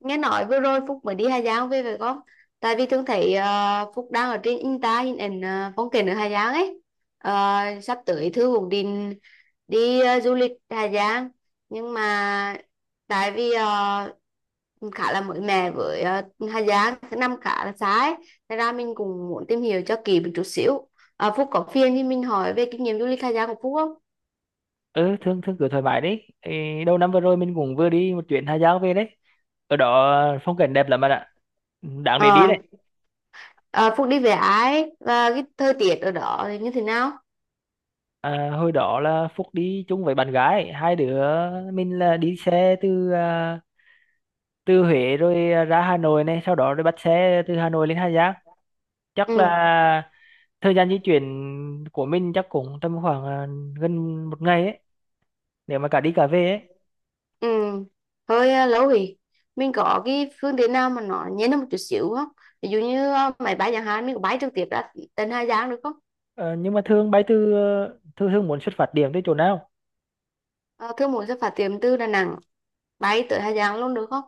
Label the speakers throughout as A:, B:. A: Nghe nói vừa rồi Phúc mới đi Hà Giang về phải không? Tại vì thường thấy Phúc đang ở trên Insta hình ảnh phong cảnh ở Hà Giang ấy. Ờ, sắp tới Thư cũng định đi du lịch Hà Giang, nhưng mà tại vì khá là mới mẻ với, Hà Giang thứ năm khá là xa ấy, thế ra mình cũng muốn tìm hiểu cho kỹ một chút xíu. Phúc có phiền thì mình hỏi về kinh nghiệm du lịch Hà Giang của Phúc không?
B: Ừ, thương thương cứ thoải mái đấy. Ê, đầu năm vừa rồi mình cũng vừa đi một chuyến Hà Giang về đấy. Ở đó phong cảnh đẹp lắm bạn ạ, đáng để đi
A: Ờ,
B: đấy.
A: ờ, Phúc đi về ai và cái thời tiết ở đó thì như thế nào?
B: Hồi đó là Phúc đi chung với bạn gái, hai đứa mình là đi xe từ từ Huế, rồi ra Hà Nội, này sau đó rồi bắt xe từ Hà Nội lên Hà Giang. Chắc
A: Ừ.
B: là thời gian di chuyển của mình chắc cũng tầm khoảng gần một ngày ấy, nếu mà cả đi cả về ấy.
A: Ừ, hơi lâu rồi. Mình có cái phương tiện nào mà nó nhẹ hơn một chút xíu không? Ví dụ như máy bay chẳng hạn, mình có bay trực tiếp ra đến Hà Giang được không?
B: Ờ, nhưng mà thường bay từ thường thường muốn xuất phát điểm từ chỗ nào?
A: À, thương muốn sẽ phát tiền từ Đà Nẵng bay tới Hà Giang luôn được không?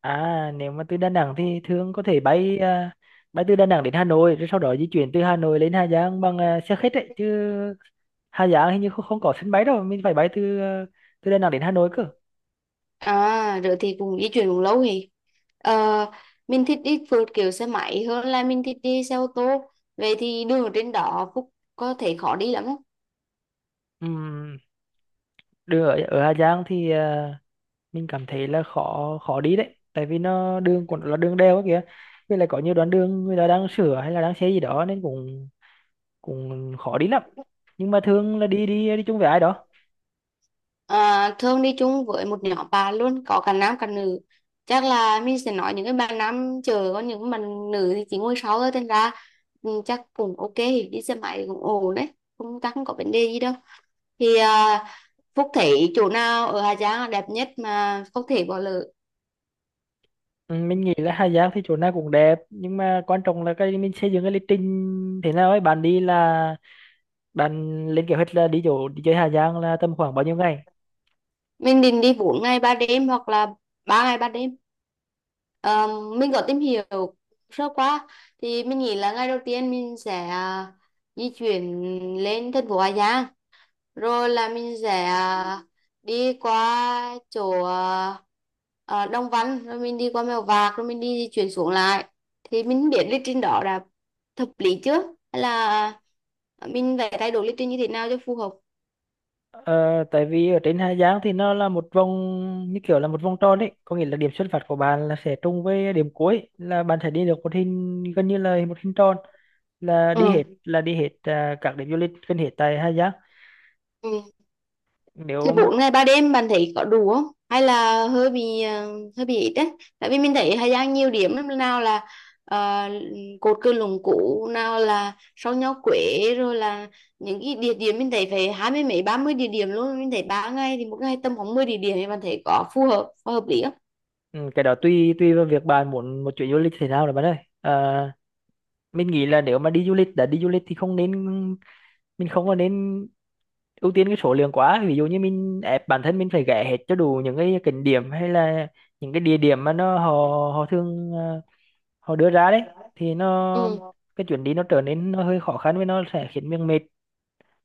B: À, nếu mà từ Đà Nẵng thì thường có thể bay bay từ Đà Nẵng đến Hà Nội, rồi sau đó di chuyển từ Hà Nội lên Hà Giang bằng xe khách ấy chứ. Hà Giang hình như không, không có sân bay đâu, mình phải bay từ từ Đà Nẵng đến Hà Nội cơ.
A: À, rồi thì cũng di chuyển cũng lâu rồi. Ờ, mình thích đi phượt kiểu xe máy hơn là mình thích đi xe ô tô. Vậy thì đường ở trên đó Phúc có thể khó đi lắm không?
B: Ừm, Đường ở Hà Giang thì mình cảm thấy là khó khó đi đấy, tại vì nó đường còn là đường đèo ấy kìa, với lại có nhiều đoạn đường người ta đang sửa hay là đang xây gì đó, nên cũng cũng khó đi lắm. Nhưng mà thường là đi đi đi chung với ai đó.
A: À, thường đi chung với một nhóm bạn luôn, có cả nam cả nữ, chắc là mình sẽ nói những cái bạn nam chờ, còn những bạn nữ thì chỉ ngồi sau thôi, thành ra ừ, chắc cũng ok, đi xe máy cũng ổn đấy, không chắc không có vấn đề gì đâu. Thì Phúc thấy chỗ nào ở Hà Giang là đẹp nhất mà phúc thể bỏ lỡ?
B: Ừ, mình nghĩ là Hà Giang thì chỗ nào cũng đẹp, nhưng mà quan trọng là cái mình xây dựng cái lịch trình thế nào ấy bạn, đi là bạn lên kế hoạch là đi chỗ đi chơi Hà Giang là tầm khoảng bao nhiêu ngày.
A: Mình định đi 4 ngày 3 đêm hoặc là 3 ngày 3 đêm. Ờ, mình có tìm hiểu sơ qua, thì mình nghĩ là ngày đầu tiên mình sẽ di chuyển lên thành phố Hà Giang, rồi là mình sẽ đi qua chỗ Đông Văn, rồi mình đi qua Mèo Vạc, rồi mình đi di chuyển xuống lại. Thì mình không biết lịch trình đó là hợp lý chưa, hay là mình phải thay đổi lịch trình như thế nào cho phù hợp.
B: Ờ, Tại vì ở trên Hà Giang thì nó là một vòng, như kiểu là một vòng tròn đấy, có nghĩa là điểm xuất phát của bạn là sẽ trùng với điểm cuối, là bạn sẽ đi được một hình gần như là một hình tròn,
A: Ừ.
B: là đi hết các điểm du lịch gần hết tại Hà Giang.
A: Ừ. Thế
B: Nếu mà
A: 4 ngày 3 đêm bạn thấy có đủ không? Hay là hơi bị hơi bị ít đấy? Tại vì mình thấy Hà Giang nhiều điểm lắm, nào là ờ, cột cờ Lũng Cú, nào là sông Nho Quế, rồi là những cái địa điểm mình thấy phải hai mươi mấy ba mươi địa điểm luôn. Mình thấy ba ngày thì một ngày tầm khoảng 10 địa điểm, thì bạn thấy có phù hợp, có hợp lý không?
B: ừ, cái đó tùy tùy vào việc bạn muốn một chuyến du lịch thế nào rồi bạn ơi. Ờ, mình nghĩ là nếu mà đi du lịch, đã đi du lịch thì không nên, mình không có nên ưu tiên cái số lượng quá. Ví dụ như mình ép bản thân mình phải ghé hết cho đủ những cái cảnh điểm, hay là những cái địa điểm mà nó họ họ thường họ đưa ra đấy, thì nó
A: Ừ.
B: cái chuyến đi nó trở nên nó hơi khó khăn, với nó sẽ khiến mình mệt,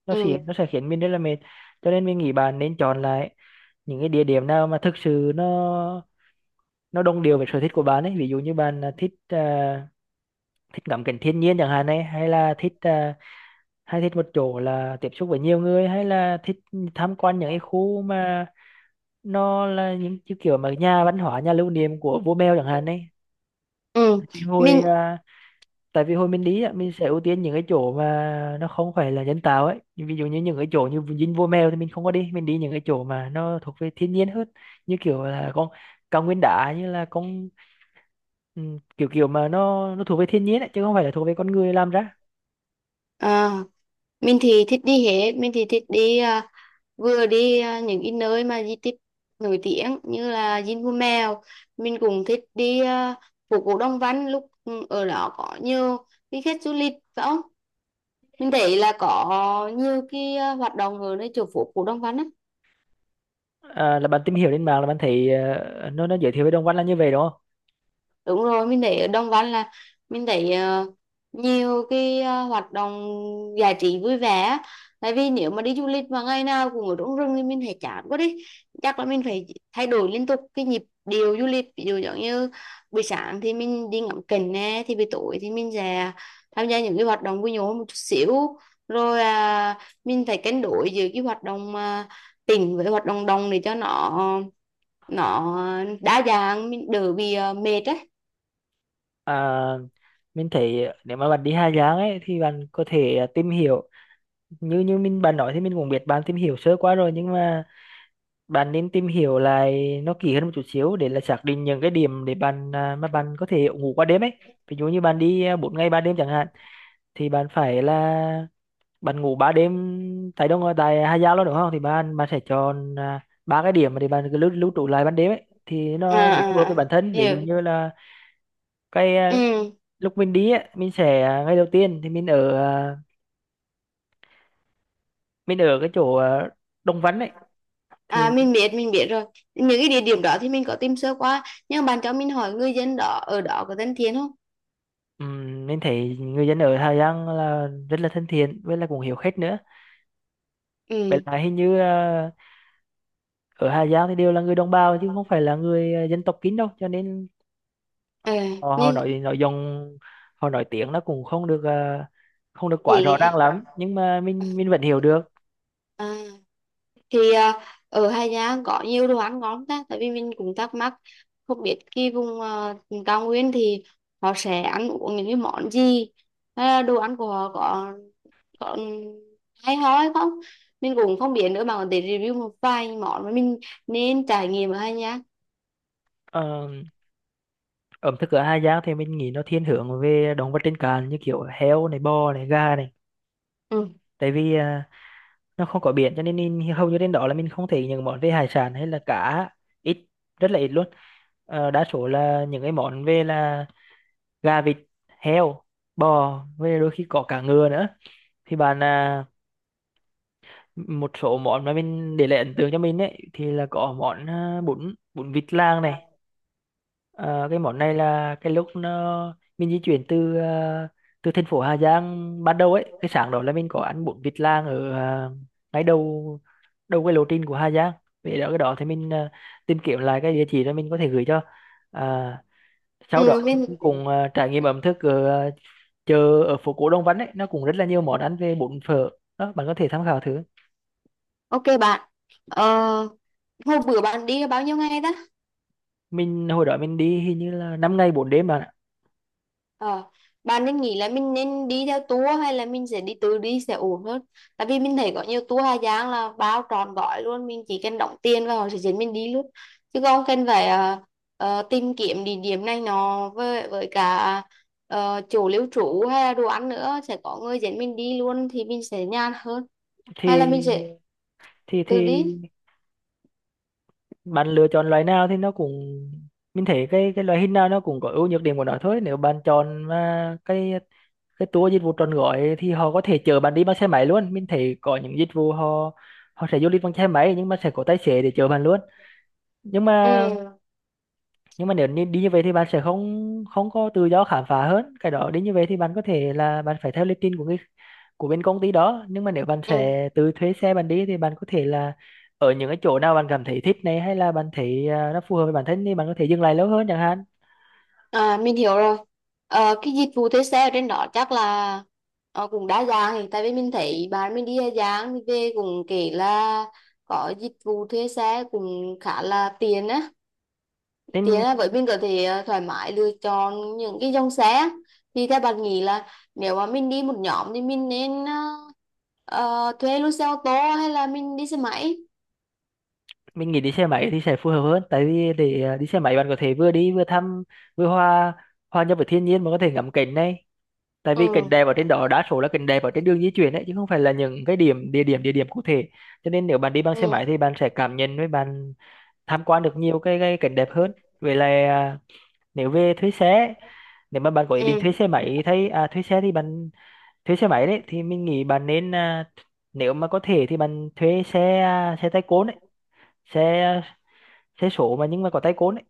B: nó sẽ
A: Ừ.
B: nó sẽ khiến mình rất là mệt. Cho nên mình nghĩ bạn nên chọn lại những cái địa điểm nào mà thực sự nó đồng đều với sở thích của bạn ấy. Ví dụ như bạn là thích ngắm cảnh thiên nhiên chẳng hạn ấy, hay là thích hay thích một chỗ là tiếp xúc với nhiều người, hay là thích tham quan những cái khu mà nó là những cái kiểu mà nhà văn hóa, nhà lưu niệm của vua Mèo chẳng hạn đấy.
A: ừ
B: vì hồi
A: mình
B: à, Tại vì hồi mình đi á, mình sẽ ưu tiên những cái chỗ mà nó không phải là nhân tạo ấy. Ví dụ như những cái chỗ như dinh vua Mèo thì mình không có đi, mình đi những cái chỗ mà nó thuộc về thiên nhiên hơn, như kiểu là con cao nguyên đá, như là con ừ, kiểu kiểu mà nó thuộc về thiên nhiên ấy, chứ không phải là thuộc về con người làm ra.
A: à, mình thì thích đi hết, mình thì thích đi vừa đi những cái nơi mà di tích nổi tiếng như là Dinh Vua Mèo, mình cũng thích đi phố cổ Đông Văn, lúc ừ, ở đó có nhiều cái khách du lịch phải không? Mình thấy là có nhiều cái hoạt động ở nơi chỗ phố cổ Đông Văn á.
B: À, là bạn tìm hiểu trên mạng, là bạn thấy nó giới thiệu về Đồng Văn là như vậy đúng không?
A: Đúng rồi, mình thấy ở Đồng Văn là mình thấy nhiều cái hoạt động giải trí vui vẻ á. Tại vì nếu mà đi du lịch mà ngày nào cũng ở trong rừng thì mình thấy chán quá đi, chắc là mình phải thay đổi liên tục cái nhịp điệu du lịch. Ví dụ giống như buổi sáng thì mình đi ngắm cảnh nè, thì buổi tối thì mình sẽ tham gia những cái hoạt động vui nhộn một chút xíu, rồi mình phải cân đối giữa cái hoạt động tỉnh với hoạt động đồng để cho nó nó đa dạng, mình đỡ bị mệt á.
B: À, mình thấy nếu mà bạn đi Hà Giang ấy, thì bạn có thể tìm hiểu như như mình bạn nói, thì mình cũng biết bạn tìm hiểu sơ qua rồi, nhưng mà bạn nên tìm hiểu lại nó kỹ hơn một chút xíu, để là xác định những cái điểm để bạn mà bạn có thể ngủ qua đêm ấy. Ví dụ như bạn đi 4 ngày 3 đêm chẳng hạn, thì bạn phải là bạn ngủ 3 đêm tại đâu, tại Hà Giang luôn đúng không, thì bạn bạn sẽ chọn ba cái điểm mà để bạn cứ lưu lưu trú lại ban đêm ấy, thì
A: À
B: nó để phù hợp
A: à
B: với
A: à,
B: bản thân. Ví dụ
A: hiểu.
B: như là cái
A: Ừ.
B: lúc mình đi ấy, mình sẽ ngày đầu tiên thì mình ở mình ở cái chỗ Đồng Văn ấy thì.
A: À, mình biết rồi, những cái địa điểm đó thì mình có tìm sơ qua, nhưng bạn cho mình hỏi người dân đó ở đó có thân thiện không?
B: Mình thấy người dân ở Hà Giang là rất là thân thiện, với là cũng hiểu khách nữa. Vậy
A: Ừ.
B: là hình như ở Hà Giang thì đều là người đồng bào, chứ không phải là người dân tộc Kín đâu, cho nên
A: Ừ.
B: họ
A: Nhưng
B: nói nội dung, họ nói tiếng nó cũng không được không được quá
A: gì
B: rõ
A: nghe.
B: ràng lắm, nhưng mà mình vẫn hiểu được.
A: À, thì ở Hà Giang có nhiều đồ ăn ngon ta? Tại vì mình cũng thắc mắc không biết cái vùng cao nguyên thì họ sẽ ăn uống những cái món gì, hay là đồ ăn của họ có có hay ho hay không, mình cũng không biết nữa, mà để review một vài món mà mình nên trải nghiệm ở Hà Giang.
B: Ờ, Ẩm thực ở Hà Giang thì mình nghĩ nó thiên hướng về động vật trên cạn, như kiểu heo này, bò này, gà này,
A: Ừ.
B: tại vì nó không có biển, cho nên, nên hầu như trên đó là mình không thấy những món về hải sản hay là cá, ít, rất là ít luôn. Đa số là những cái món về là gà, vịt, heo, bò, với đôi khi có cả ngựa nữa, thì bạn một số món mà mình để lại ấn tượng cho mình ấy thì là có món à, bún bún vịt lang này. Ờ, cái món này là cái lúc nó mình di chuyển từ từ thành phố Hà Giang ban đầu ấy, cái sáng đó là mình có ăn bún vịt lang ở ngay đầu đầu cái lộ trình của Hà Giang. Về đó cái đó thì mình tìm kiếm lại cái địa chỉ đó, mình có thể gửi cho à, sau đó
A: Ừ. Mình.
B: mình cùng trải nghiệm ẩm thực ở chợ ở phố cổ Đông Văn ấy, nó cũng rất là nhiều món ăn về bún phở đó, bạn có thể tham khảo thử.
A: Ok bạn. ờ, Hôm bữa bạn đi bao nhiêu ngày ta?
B: Mình hồi đó mình đi hình như là 5 ngày 4 đêm bạn ạ.
A: Ờ, bạn nên nghĩ là mình nên đi theo tour hay là mình sẽ đi tự đi sẽ ổn hơn. Tại vì mình thấy có nhiều tour Hà Giang là bao trọn gói luôn, mình chỉ cần đóng tiền và họ sẽ dẫn mình đi luôn. Chứ không cần phải tìm kiếm địa điểm này nọ, với cả chỗ lưu trú hay là đồ ăn nữa, sẽ có người dẫn mình đi luôn thì mình sẽ nhàn hơn. Hay là mình
B: thì
A: sẽ
B: thì
A: tự
B: thì
A: đi.
B: bạn lựa chọn loại nào thì nó cũng, mình thấy cái loại hình nào nó cũng có ưu nhược điểm của nó thôi. Nếu bạn chọn mà cái tour dịch vụ trọn gói thì họ có thể chở bạn đi bằng xe máy luôn, mình thấy có những dịch vụ họ họ sẽ du lịch bằng xe máy, nhưng mà sẽ có tài xế để chở bạn luôn. nhưng mà
A: Ừ.
B: nhưng mà nếu như đi như vậy thì bạn sẽ không không có tự do khám phá hơn. Cái đó đi như vậy thì bạn có thể là bạn phải theo lịch trình của người, của bên công ty đó. Nhưng mà nếu bạn
A: Ừ.
B: sẽ tự thuê xe bạn đi thì bạn có thể là ở những cái chỗ nào bạn cảm thấy thích này, hay là bạn thấy nó phù hợp với bản thân thì bạn có thể dừng lại lâu hơn chẳng hạn.
A: À, mình hiểu rồi. Ờ, cái dịch vụ thuê xe ở trên đó chắc là cũng đa dạng, thì tại vì mình thấy bạn mình đi Hà Giang thì về cũng kể là có dịch vụ thuê xe cũng khá là tiện á, tiện
B: Nên
A: á, với mình có thể thoải mái lựa chọn những cái dòng xe. Thì theo bạn nghĩ là nếu mà mình đi một nhóm thì mình nên thuê luôn xe ô tô, hay là mình đi xe máy?
B: mình nghĩ đi xe máy thì sẽ phù hợp hơn, tại vì để đi xe máy bạn có thể vừa đi vừa thăm, vừa hòa, hòa nhập với thiên nhiên, mà có thể ngắm cảnh này, tại
A: Ừ.
B: vì cảnh đẹp ở trên đó đa số là cảnh đẹp ở trên đường di chuyển đấy, chứ không phải là những cái điểm địa điểm địa điểm cụ thể. Cho nên nếu bạn đi bằng xe
A: Ừ.
B: máy thì bạn sẽ cảm nhận, với bạn tham quan được nhiều cái cảnh đẹp hơn. Vậy là nếu về thuê xe, nếu mà bạn có ý
A: Ừ.
B: định thuê xe máy, thuê xe thì bạn thuê xe máy đấy, thì mình nghĩ bạn nên nếu mà có thể thì bạn thuê xe xe tay côn đấy, xe xe số mà nhưng mà có tay côn đấy.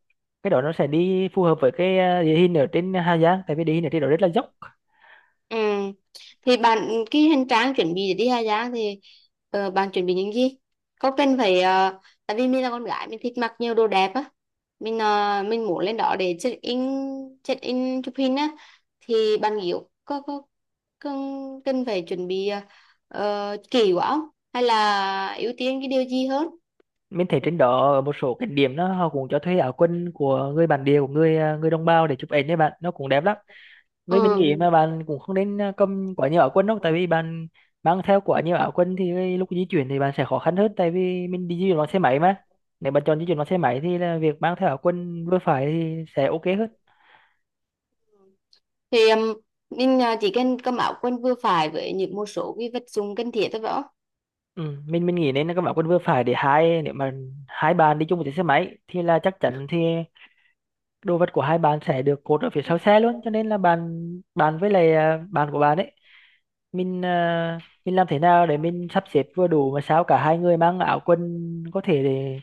B: Cái đó nó sẽ đi phù hợp với cái địa hình ở trên Hà Giang, tại vì địa hình ở trên đó rất là dốc.
A: Ừ. Thì bạn, cái hành trang chuẩn bị để đi Hà Giang thì bạn chuẩn bị những gì? Có cần phải ờ, tại vì mình là con gái, mình thích mặc nhiều đồ đẹp á. Mình mình muốn lên đó để check in chụp hình á, thì bạn nghĩ có cần cần phải chuẩn bị kỹ quá không? Hay là ưu tiên cái điều gì hơn?
B: Mình thấy trên đó ở một số cái điểm đó họ cũng cho thuê áo quần của người bản địa, của người người đồng bào để chụp ảnh đấy bạn, nó cũng đẹp lắm. Với mình nghĩ
A: Ừ.
B: mà bạn cũng không nên cầm quá nhiều áo quần đâu, tại vì bạn mang theo quá nhiều áo quần thì cái lúc di chuyển thì bạn sẽ khó khăn hơn, tại vì mình đi di chuyển bằng xe máy mà. Nếu bạn chọn di chuyển bằng xe máy thì là việc mang theo áo quần vừa phải thì sẽ ok hơn.
A: Thì mình chỉ cần cầm áo quần vừa phải với những một số cái vật dụng cần thiết thôi, phải
B: Ừ, mình nghĩ nên là các bạn quân vừa phải, để hai, nếu mà hai bạn đi chung một chiếc xe máy thì là chắc chắn thì đồ vật của hai bạn sẽ được cột ở phía sau xe luôn, cho nên là bạn, bạn với lại bạn của bạn ấy, mình mình làm thế nào để mình sắp xếp vừa đủ mà sao cả hai người mang áo quần có thể để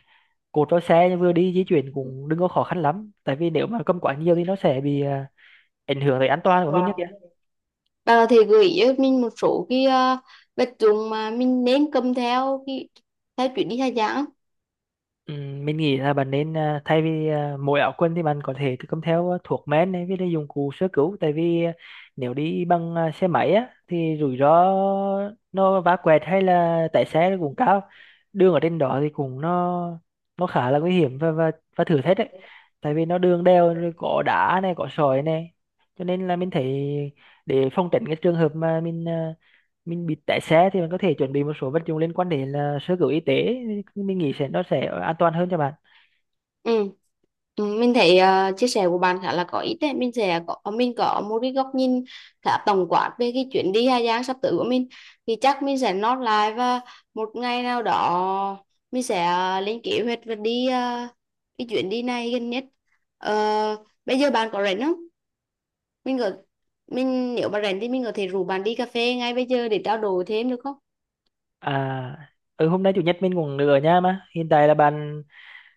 B: cột vào xe, vừa đi di chuyển cũng đừng có khó khăn lắm, tại vì nếu mà cầm quá nhiều thì nó sẽ bị ảnh hưởng tới an toàn của mình nhé.
A: không? Bà có thể gợi ý cho mình một số cái vật dụng mà mình nên cầm theo khi theo chuyến đi khai giảng?
B: Ừ, mình nghĩ là bạn nên thay vì mỗi áo quần thì bạn có thể tự cầm theo thuốc men này, với lại dụng cụ sơ cứu, tại vì nếu đi bằng xe máy á thì rủi ro, nó vá quẹt hay là tái xe nó cũng cao. Đường ở trên đó thì cũng nó khá là nguy hiểm và và thử thách đấy, tại vì nó đường đèo rồi có đá này có sỏi này, cho nên là mình thấy để phòng tránh cái trường hợp mà mình mình bị té xe thì mình có thể chuẩn bị một số vật dụng liên quan đến là sơ cứu y tế, mình nghĩ sẽ nó sẽ an toàn hơn cho bạn.
A: Ừ. Ừ, mình thấy chia sẻ của bạn khá là có ích đấy. Mình sẽ có mình có một cái góc nhìn khá tổng quát về cái chuyến đi khai Giang sắp tới của mình. Thì chắc mình sẽ note lại, và một ngày nào đó mình sẽ lên kế hoạch và đi cái chuyến đi này gần nhất. Ờ, bây giờ bạn có rảnh không? Mình có, mình nếu mà rảnh thì mình có thể rủ bạn đi cà phê ngay bây giờ để trao đổi thêm được không?
B: à Hôm nay chủ nhật mình cũng ở nhà mà, hiện tại là bạn,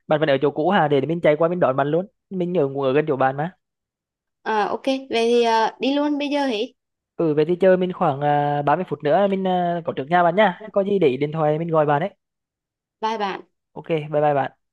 B: bạn vẫn ở chỗ cũ hả, để mình chạy qua mình đón bạn luôn, mình ở cũng ở gần chỗ bạn mà.
A: À, ok, vậy thì đi luôn bây giờ hỉ.
B: Ừ, về thì chơi mình khoảng 30 phút nữa mình có trước nhà bạn nha, có gì để ý điện thoại mình gọi bạn ấy.
A: Bye bye.
B: Ok, bye bye bạn.